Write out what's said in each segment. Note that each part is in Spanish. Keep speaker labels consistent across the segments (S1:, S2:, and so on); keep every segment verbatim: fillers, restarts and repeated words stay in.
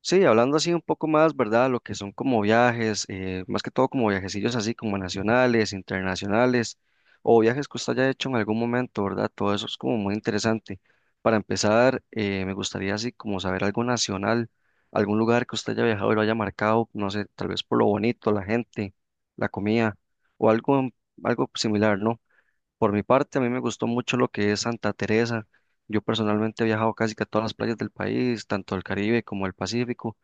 S1: Sí, hablando así un poco más, ¿verdad? Lo que son como viajes, eh, más que todo como viajecillos así como nacionales, internacionales, o viajes que usted haya hecho en algún momento, ¿verdad? Todo eso es como muy interesante. Para empezar, eh, me gustaría así como saber algo nacional, algún lugar que usted haya viajado y lo haya marcado, no sé, tal vez por lo bonito, la gente, la comida, o algo, algo similar, ¿no? Por mi parte, a mí me gustó mucho lo que es Santa Teresa. Yo personalmente he viajado casi que a todas las playas del país, tanto el Caribe como el Pacífico,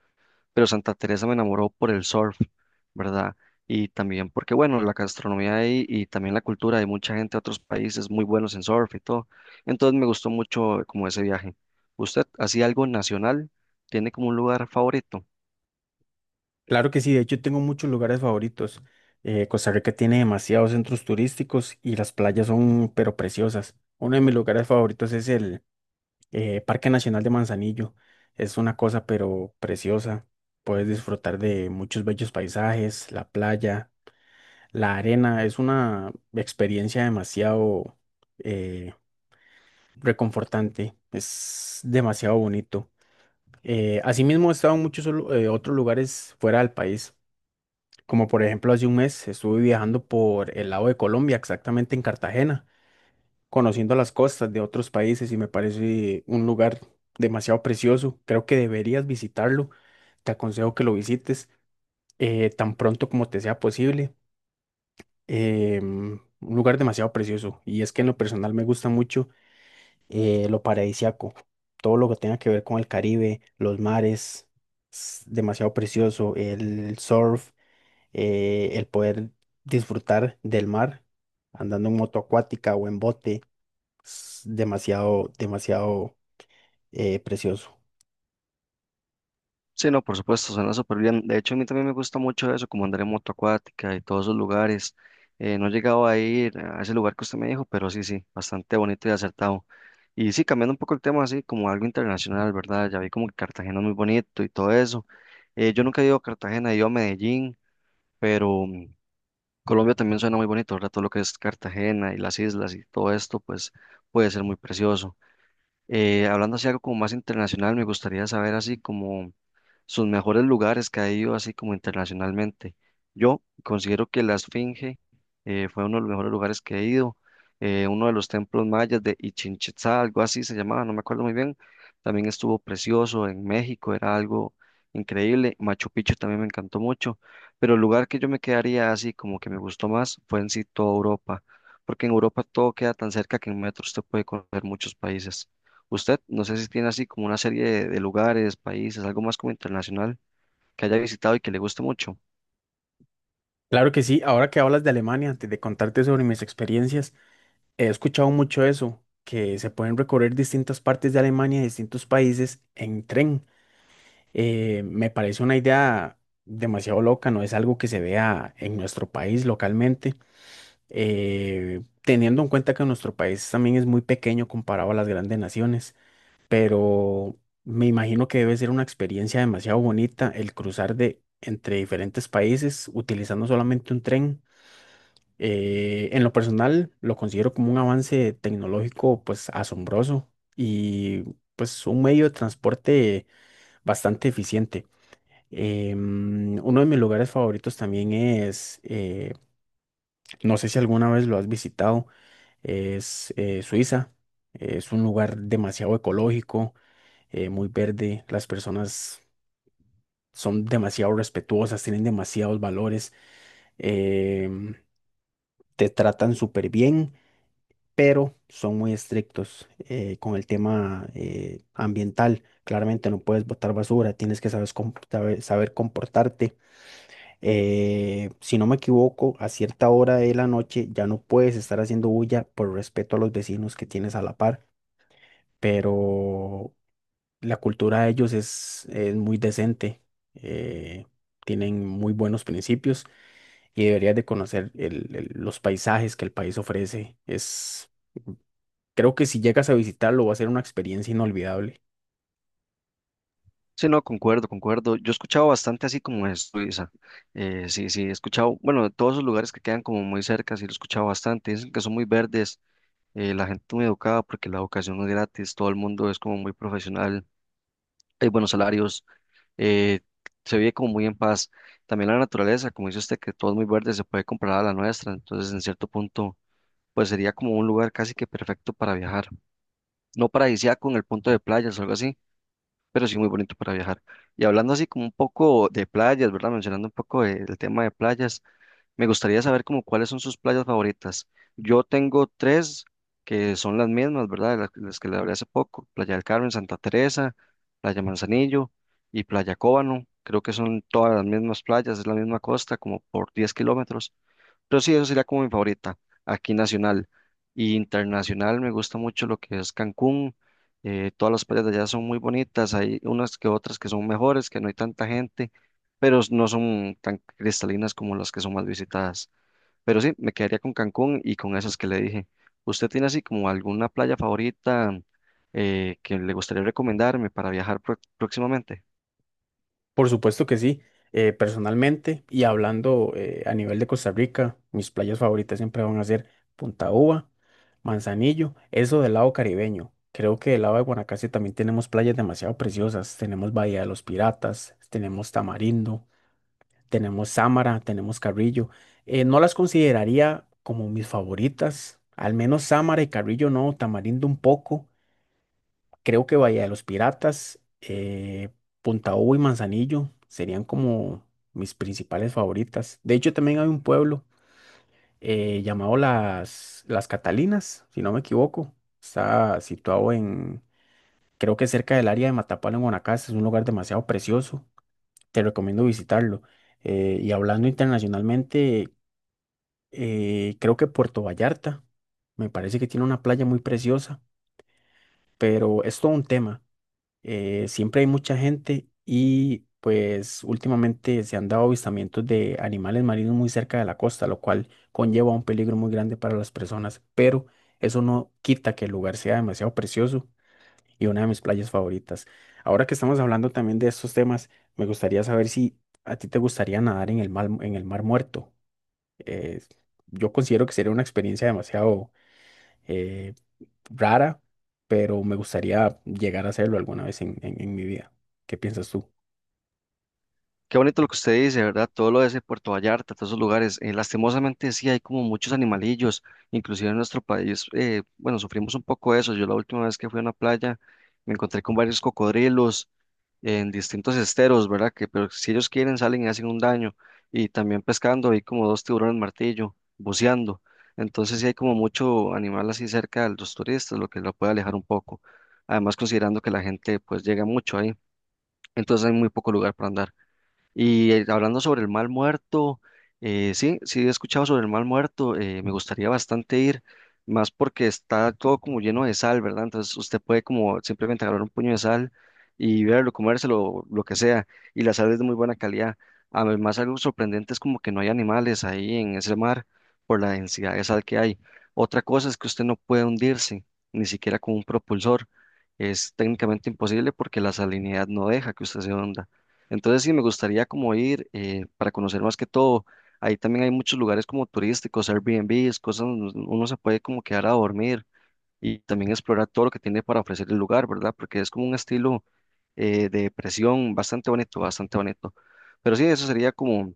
S1: pero Santa Teresa me enamoró por el surf, ¿verdad? Y también porque, bueno, la gastronomía ahí y también la cultura, hay mucha gente de otros países muy buenos en surf y todo. Entonces me gustó mucho como ese viaje. ¿Usted hacía algo nacional? ¿Tiene como un lugar favorito?
S2: Claro que sí, de hecho tengo muchos lugares favoritos. Eh, Costa Rica tiene demasiados centros turísticos y las playas son pero preciosas. Uno de mis lugares favoritos es el eh, Parque Nacional de Manzanillo. Es una cosa pero preciosa. Puedes disfrutar de muchos bellos paisajes, la playa, la arena. Es una experiencia demasiado eh, reconfortante. Es demasiado bonito. Eh, asimismo, he estado en muchos solu- eh, otros lugares fuera del país. Como por ejemplo, hace un mes estuve viajando por el lado de Colombia, exactamente en Cartagena, conociendo las costas de otros países y me parece un lugar demasiado precioso. Creo que deberías visitarlo. Te aconsejo que lo visites eh, tan pronto como te sea posible. Em, un lugar demasiado precioso. Y es que en lo personal me gusta mucho eh, lo paradisíaco, todo lo que tenga que ver con el Caribe, los mares, es demasiado precioso, el surf eh, el poder disfrutar del mar andando en moto acuática o en bote es demasiado, demasiado eh, precioso.
S1: Sí, no, por supuesto, suena súper bien. De hecho, a mí también me gusta mucho eso, como andar en moto acuática y todos esos lugares. Eh, no he llegado a ir a ese lugar que usted me dijo, pero sí, sí, bastante bonito y acertado. Y sí, cambiando un poco el tema, así como algo internacional, ¿verdad? Ya vi como que Cartagena es muy bonito y todo eso. Eh, yo nunca he ido a Cartagena, he ido a Medellín, pero mm, Colombia también suena muy bonito, ¿verdad? Todo lo que es Cartagena y las islas y todo esto, pues puede ser muy precioso. Eh, hablando así algo como más internacional, me gustaría saber así como sus mejores lugares que ha ido así como internacionalmente. Yo considero que la Esfinge eh, fue uno de los mejores lugares que he ido, eh, uno de los templos mayas de Ichin Itzá, algo así se llamaba, no me acuerdo muy bien. También estuvo precioso en México, era algo increíble. Machu Picchu también me encantó mucho, pero el lugar que yo me quedaría así como que me gustó más fue en sí toda Europa, porque en Europa todo queda tan cerca que en metro usted puede correr muchos países. Usted, no sé si tiene así como una serie de, de lugares, países, algo más como internacional que haya visitado y que le guste mucho.
S2: Claro que sí, ahora que hablas de Alemania, antes de contarte sobre mis experiencias, he escuchado mucho eso, que se pueden recorrer distintas partes de Alemania, distintos países en tren. Eh, me parece una idea demasiado loca, no es algo que se vea en nuestro país localmente. Eh, teniendo en cuenta que nuestro país también es muy pequeño comparado a las grandes naciones, pero me imagino que debe ser una experiencia demasiado bonita el cruzar de entre diferentes países utilizando solamente un tren. Eh, en lo personal, lo considero como un avance tecnológico pues asombroso y pues un medio de transporte bastante eficiente. Em, uno de mis lugares favoritos también es, eh, no sé si alguna vez lo has visitado, es eh, Suiza. Es un lugar demasiado ecológico eh, muy verde, las personas son demasiado respetuosas, tienen demasiados valores, em, te tratan súper bien, pero son muy estrictos eh, con el tema eh, ambiental. Claramente no puedes botar basura, tienes que sabes com- sabe- saber comportarte. Eh, si no me equivoco, a cierta hora de la noche ya no puedes estar haciendo bulla por respeto a los vecinos que tienes a la par, pero la cultura de ellos es, es muy decente, eh, tienen muy buenos principios y deberías de conocer el- el- los paisajes que el país ofrece. Es, creo que si llegas a visitarlo va a ser una experiencia inolvidable.
S1: Sí, no, concuerdo, concuerdo. Yo he escuchado bastante así como es Suiza. Eh, sí, sí, he escuchado, bueno, de todos esos lugares que quedan como muy cerca, sí lo he escuchado bastante. Dicen que son muy verdes, eh, la gente muy educada porque la educación no es gratis, todo el mundo es como muy profesional, hay buenos salarios, eh, se vive como muy en paz. También la naturaleza, como dice usted, que todo es muy verde, se puede comparar a la nuestra, entonces en cierto punto pues sería como un lugar casi que perfecto para viajar. No paradisíaco en el punto de playas o algo así, pero sí muy bonito para viajar. Y hablando así como un poco de playas, ¿verdad? Mencionando un poco de- el tema de playas, me gustaría saber como cuáles son sus playas favoritas. Yo tengo tres que son las mismas, ¿verdad? Las, las que le hablé hace poco, Playa del Carmen, Santa Teresa, Playa Manzanillo y Playa Cóbano. Creo que son todas las mismas playas, es la misma costa, como por diez kilómetros. Pero sí, eso sería como mi favorita, aquí nacional. Y internacional me gusta mucho lo que es Cancún. Eh, todas las playas de allá son muy bonitas, hay unas que otras que son mejores, que no hay tanta gente, pero s- no son tan cristalinas como las que son más visitadas. Pero sí, me quedaría con Cancún y con esas que le dije. ¿Usted tiene así como alguna playa favorita eh, que le gustaría recomendarme para viajar pro- próximamente?
S2: Por supuesto que sí, eh, personalmente y hablando eh, a nivel de Costa Rica, mis playas favoritas siempre van a ser Punta Uva, Manzanillo, eso del lado caribeño. Creo que del lado de Guanacaste también tenemos playas demasiado preciosas. Tenemos Bahía de los Piratas, tenemos Tamarindo, tenemos Samara, tenemos Carrillo. Eh, no las consideraría como mis favoritas, al menos Samara y Carrillo no, Tamarindo un poco. Creo que Bahía de los Piratas, eh, Punta Ubo y Manzanillo serían como mis principales favoritas. De hecho, también hay un pueblo eh, llamado Las, Las Catalinas, si no me equivoco. Está situado en, creo que cerca del área de Matapalo, en Guanacaste. Es un lugar demasiado precioso. Te recomiendo visitarlo. Eh, y hablando internacionalmente, eh, creo que Puerto Vallarta. Me parece que tiene una playa muy preciosa, pero es todo un tema. Eh, siempre hay mucha gente y pues últimamente se han dado avistamientos de animales marinos muy cerca de la costa, lo cual conlleva un peligro muy grande para las personas, pero eso no quita que el lugar sea demasiado precioso y una de mis playas favoritas. Ahora que estamos hablando también de estos temas, me gustaría saber si a ti te gustaría nadar en el mar, en el mar muerto eh, yo considero que sería una experiencia demasiado eh, rara, pero me gustaría llegar a hacerlo alguna vez en, en- en mi vida. ¿Qué piensas tú?
S1: Qué bonito lo que usted dice, ¿verdad? Todo lo de ese Puerto Vallarta, todos esos lugares. Eh, lastimosamente sí hay como muchos animalillos, inclusive en nuestro país, eh, bueno, sufrimos un poco de eso. Yo la última vez que fui a una playa me encontré con varios cocodrilos en distintos esteros, ¿verdad? Que pero si ellos quieren salen y hacen un daño. Y también pescando, hay como dos tiburones martillo, buceando. Entonces sí hay como mucho animal así cerca de los turistas, lo que lo puede alejar un poco. Además considerando que la gente pues llega mucho ahí, entonces hay muy poco lugar para andar. Y eh, hablando sobre el mal muerto, eh, sí, sí he escuchado sobre el mal muerto, eh, me gustaría bastante ir, más porque está todo como lleno de sal, ¿verdad? Entonces usted puede como simplemente agarrar un puño de sal y verlo, comérselo, lo que sea, y la sal es de muy buena calidad. Además, algo sorprendente es como que no hay animales ahí en ese mar por la densidad de sal que hay. Otra cosa es que usted no puede hundirse, ni siquiera con un propulsor. Es técnicamente imposible porque la salinidad no deja que usted se hunda. Entonces sí, me gustaría como ir eh, para conocer más que todo. Ahí también hay muchos lugares como turísticos, Airbnbs, cosas donde uno se puede como quedar a dormir y también explorar todo lo que tiene para ofrecer el lugar, ¿verdad? Porque es como un estilo eh, de presión bastante bonito, bastante bonito. Pero sí, eso sería como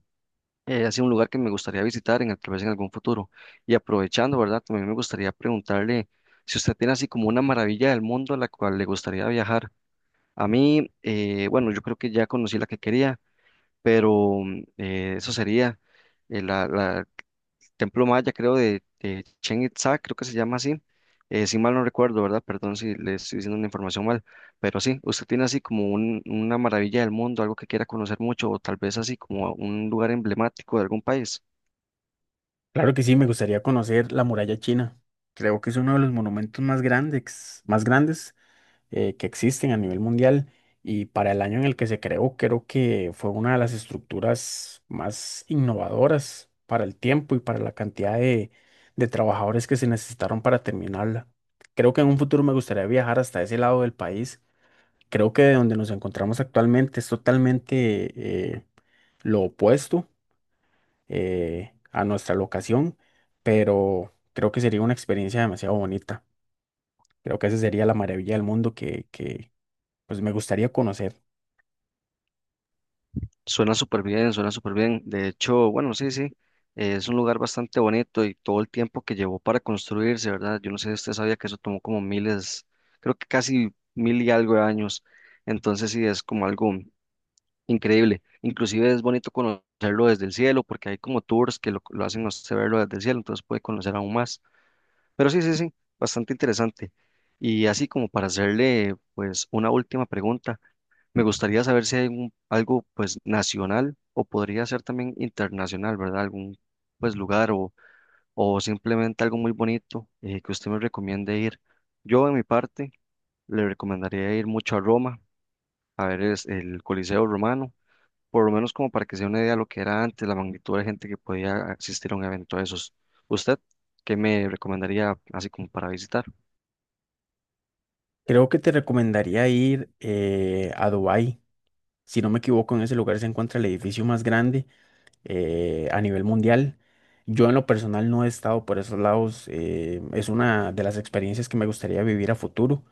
S1: eh, así un lugar que me gustaría visitar en, tal vez en algún futuro. Y aprovechando, ¿verdad? También me gustaría preguntarle si usted tiene así como una maravilla del mundo a la cual le gustaría viajar. A mí, eh, bueno, yo creo que ya conocí la que quería, pero mm, eh, eso sería eh, la, la- el templo maya, creo, de, de Chichén Itzá, creo que se llama así, eh, si mal no recuerdo, ¿verdad? Perdón si le estoy diciendo una información mal, pero sí, usted tiene así como un- una maravilla del mundo, algo que quiera conocer mucho, o tal vez así como un lugar emblemático de algún país.
S2: Claro que sí, me gustaría conocer la muralla china. Creo que es uno de los monumentos más grandes, más grandes eh, que existen a nivel mundial y para el año en el que se creó, creo que fue una de las estructuras más innovadoras para el tiempo y para la cantidad de, de trabajadores que se necesitaron para terminarla. Creo que en un futuro me gustaría viajar hasta ese lado del país. Creo que de donde nos encontramos actualmente es totalmente eh, lo opuesto eh, a nuestra locación, pero creo que sería una experiencia demasiado bonita. Creo que esa sería la maravilla del mundo que, que, pues me gustaría conocer.
S1: Suena súper bien, suena súper bien. De hecho, bueno, sí, sí, eh, es un lugar bastante bonito y todo el tiempo que llevó para construirse, ¿verdad? Yo no sé si usted sabía que eso tomó como miles, creo que casi mil y algo de años. Entonces sí, es como algo increíble. Inclusive es bonito conocerlo desde el cielo porque hay como tours que lo, lo hacen a usted verlo desde el cielo, entonces puede conocer aún más. Pero sí, sí, sí, bastante interesante. Y así como para hacerle pues una última pregunta. Me gustaría saber si hay un- algo pues nacional o podría ser también internacional, ¿verdad? Algún pues lugar o, o simplemente algo muy bonito eh, que usted me recomiende ir. Yo en mi parte le recomendaría ir mucho a Roma, a ver es, el Coliseo Romano, por lo menos como para que se dé una idea de lo que era antes, la magnitud de gente que podía asistir a un evento de esos. ¿Usted qué me recomendaría así como para visitar?
S2: Creo que te recomendaría ir eh, a Dubái. Si no me equivoco, en ese lugar se encuentra el edificio más grande eh, a nivel mundial. Yo en lo personal no he estado por esos lados. Eh, es una de las experiencias que me gustaría vivir a futuro,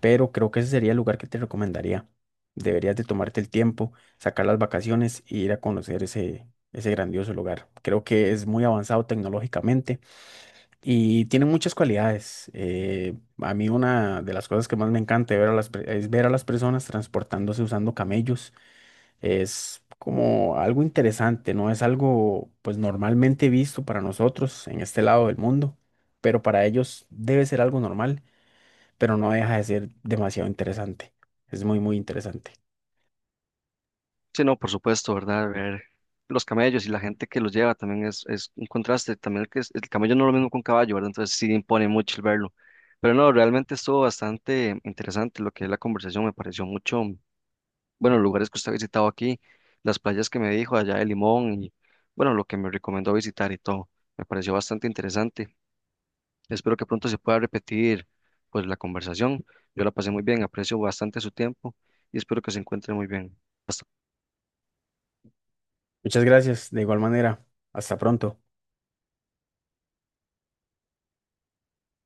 S2: pero creo que ese sería el lugar que te recomendaría. Deberías de tomarte el tiempo, sacar las vacaciones e ir a conocer ese, ese grandioso lugar. Creo que es muy avanzado tecnológicamente y tiene muchas cualidades. Eh, a mí una de las cosas que más me encanta ver a las per- es ver a las personas transportándose usando camellos. Es como algo interesante, no es algo pues normalmente visto para nosotros en este lado del mundo, pero para ellos debe ser algo normal, pero no deja de ser demasiado interesante. Es muy, muy interesante.
S1: Sí, no, por supuesto, ¿verdad? Ver los camellos y la gente que los lleva también es, es un contraste. También que es- el camello no es lo mismo que un caballo, ¿verdad? Entonces sí impone mucho el verlo. Pero no, realmente estuvo bastante interesante lo que es la conversación. Me pareció mucho, bueno, los lugares que usted ha visitado aquí, las playas que me dijo allá de Limón y, bueno, lo que me recomendó visitar y todo. Me pareció bastante interesante. Espero que pronto se pueda repetir, pues, la conversación. Yo la pasé muy bien, aprecio bastante su tiempo y espero que se encuentre muy bien. Hasta
S2: Muchas gracias, de igual manera. Hasta pronto.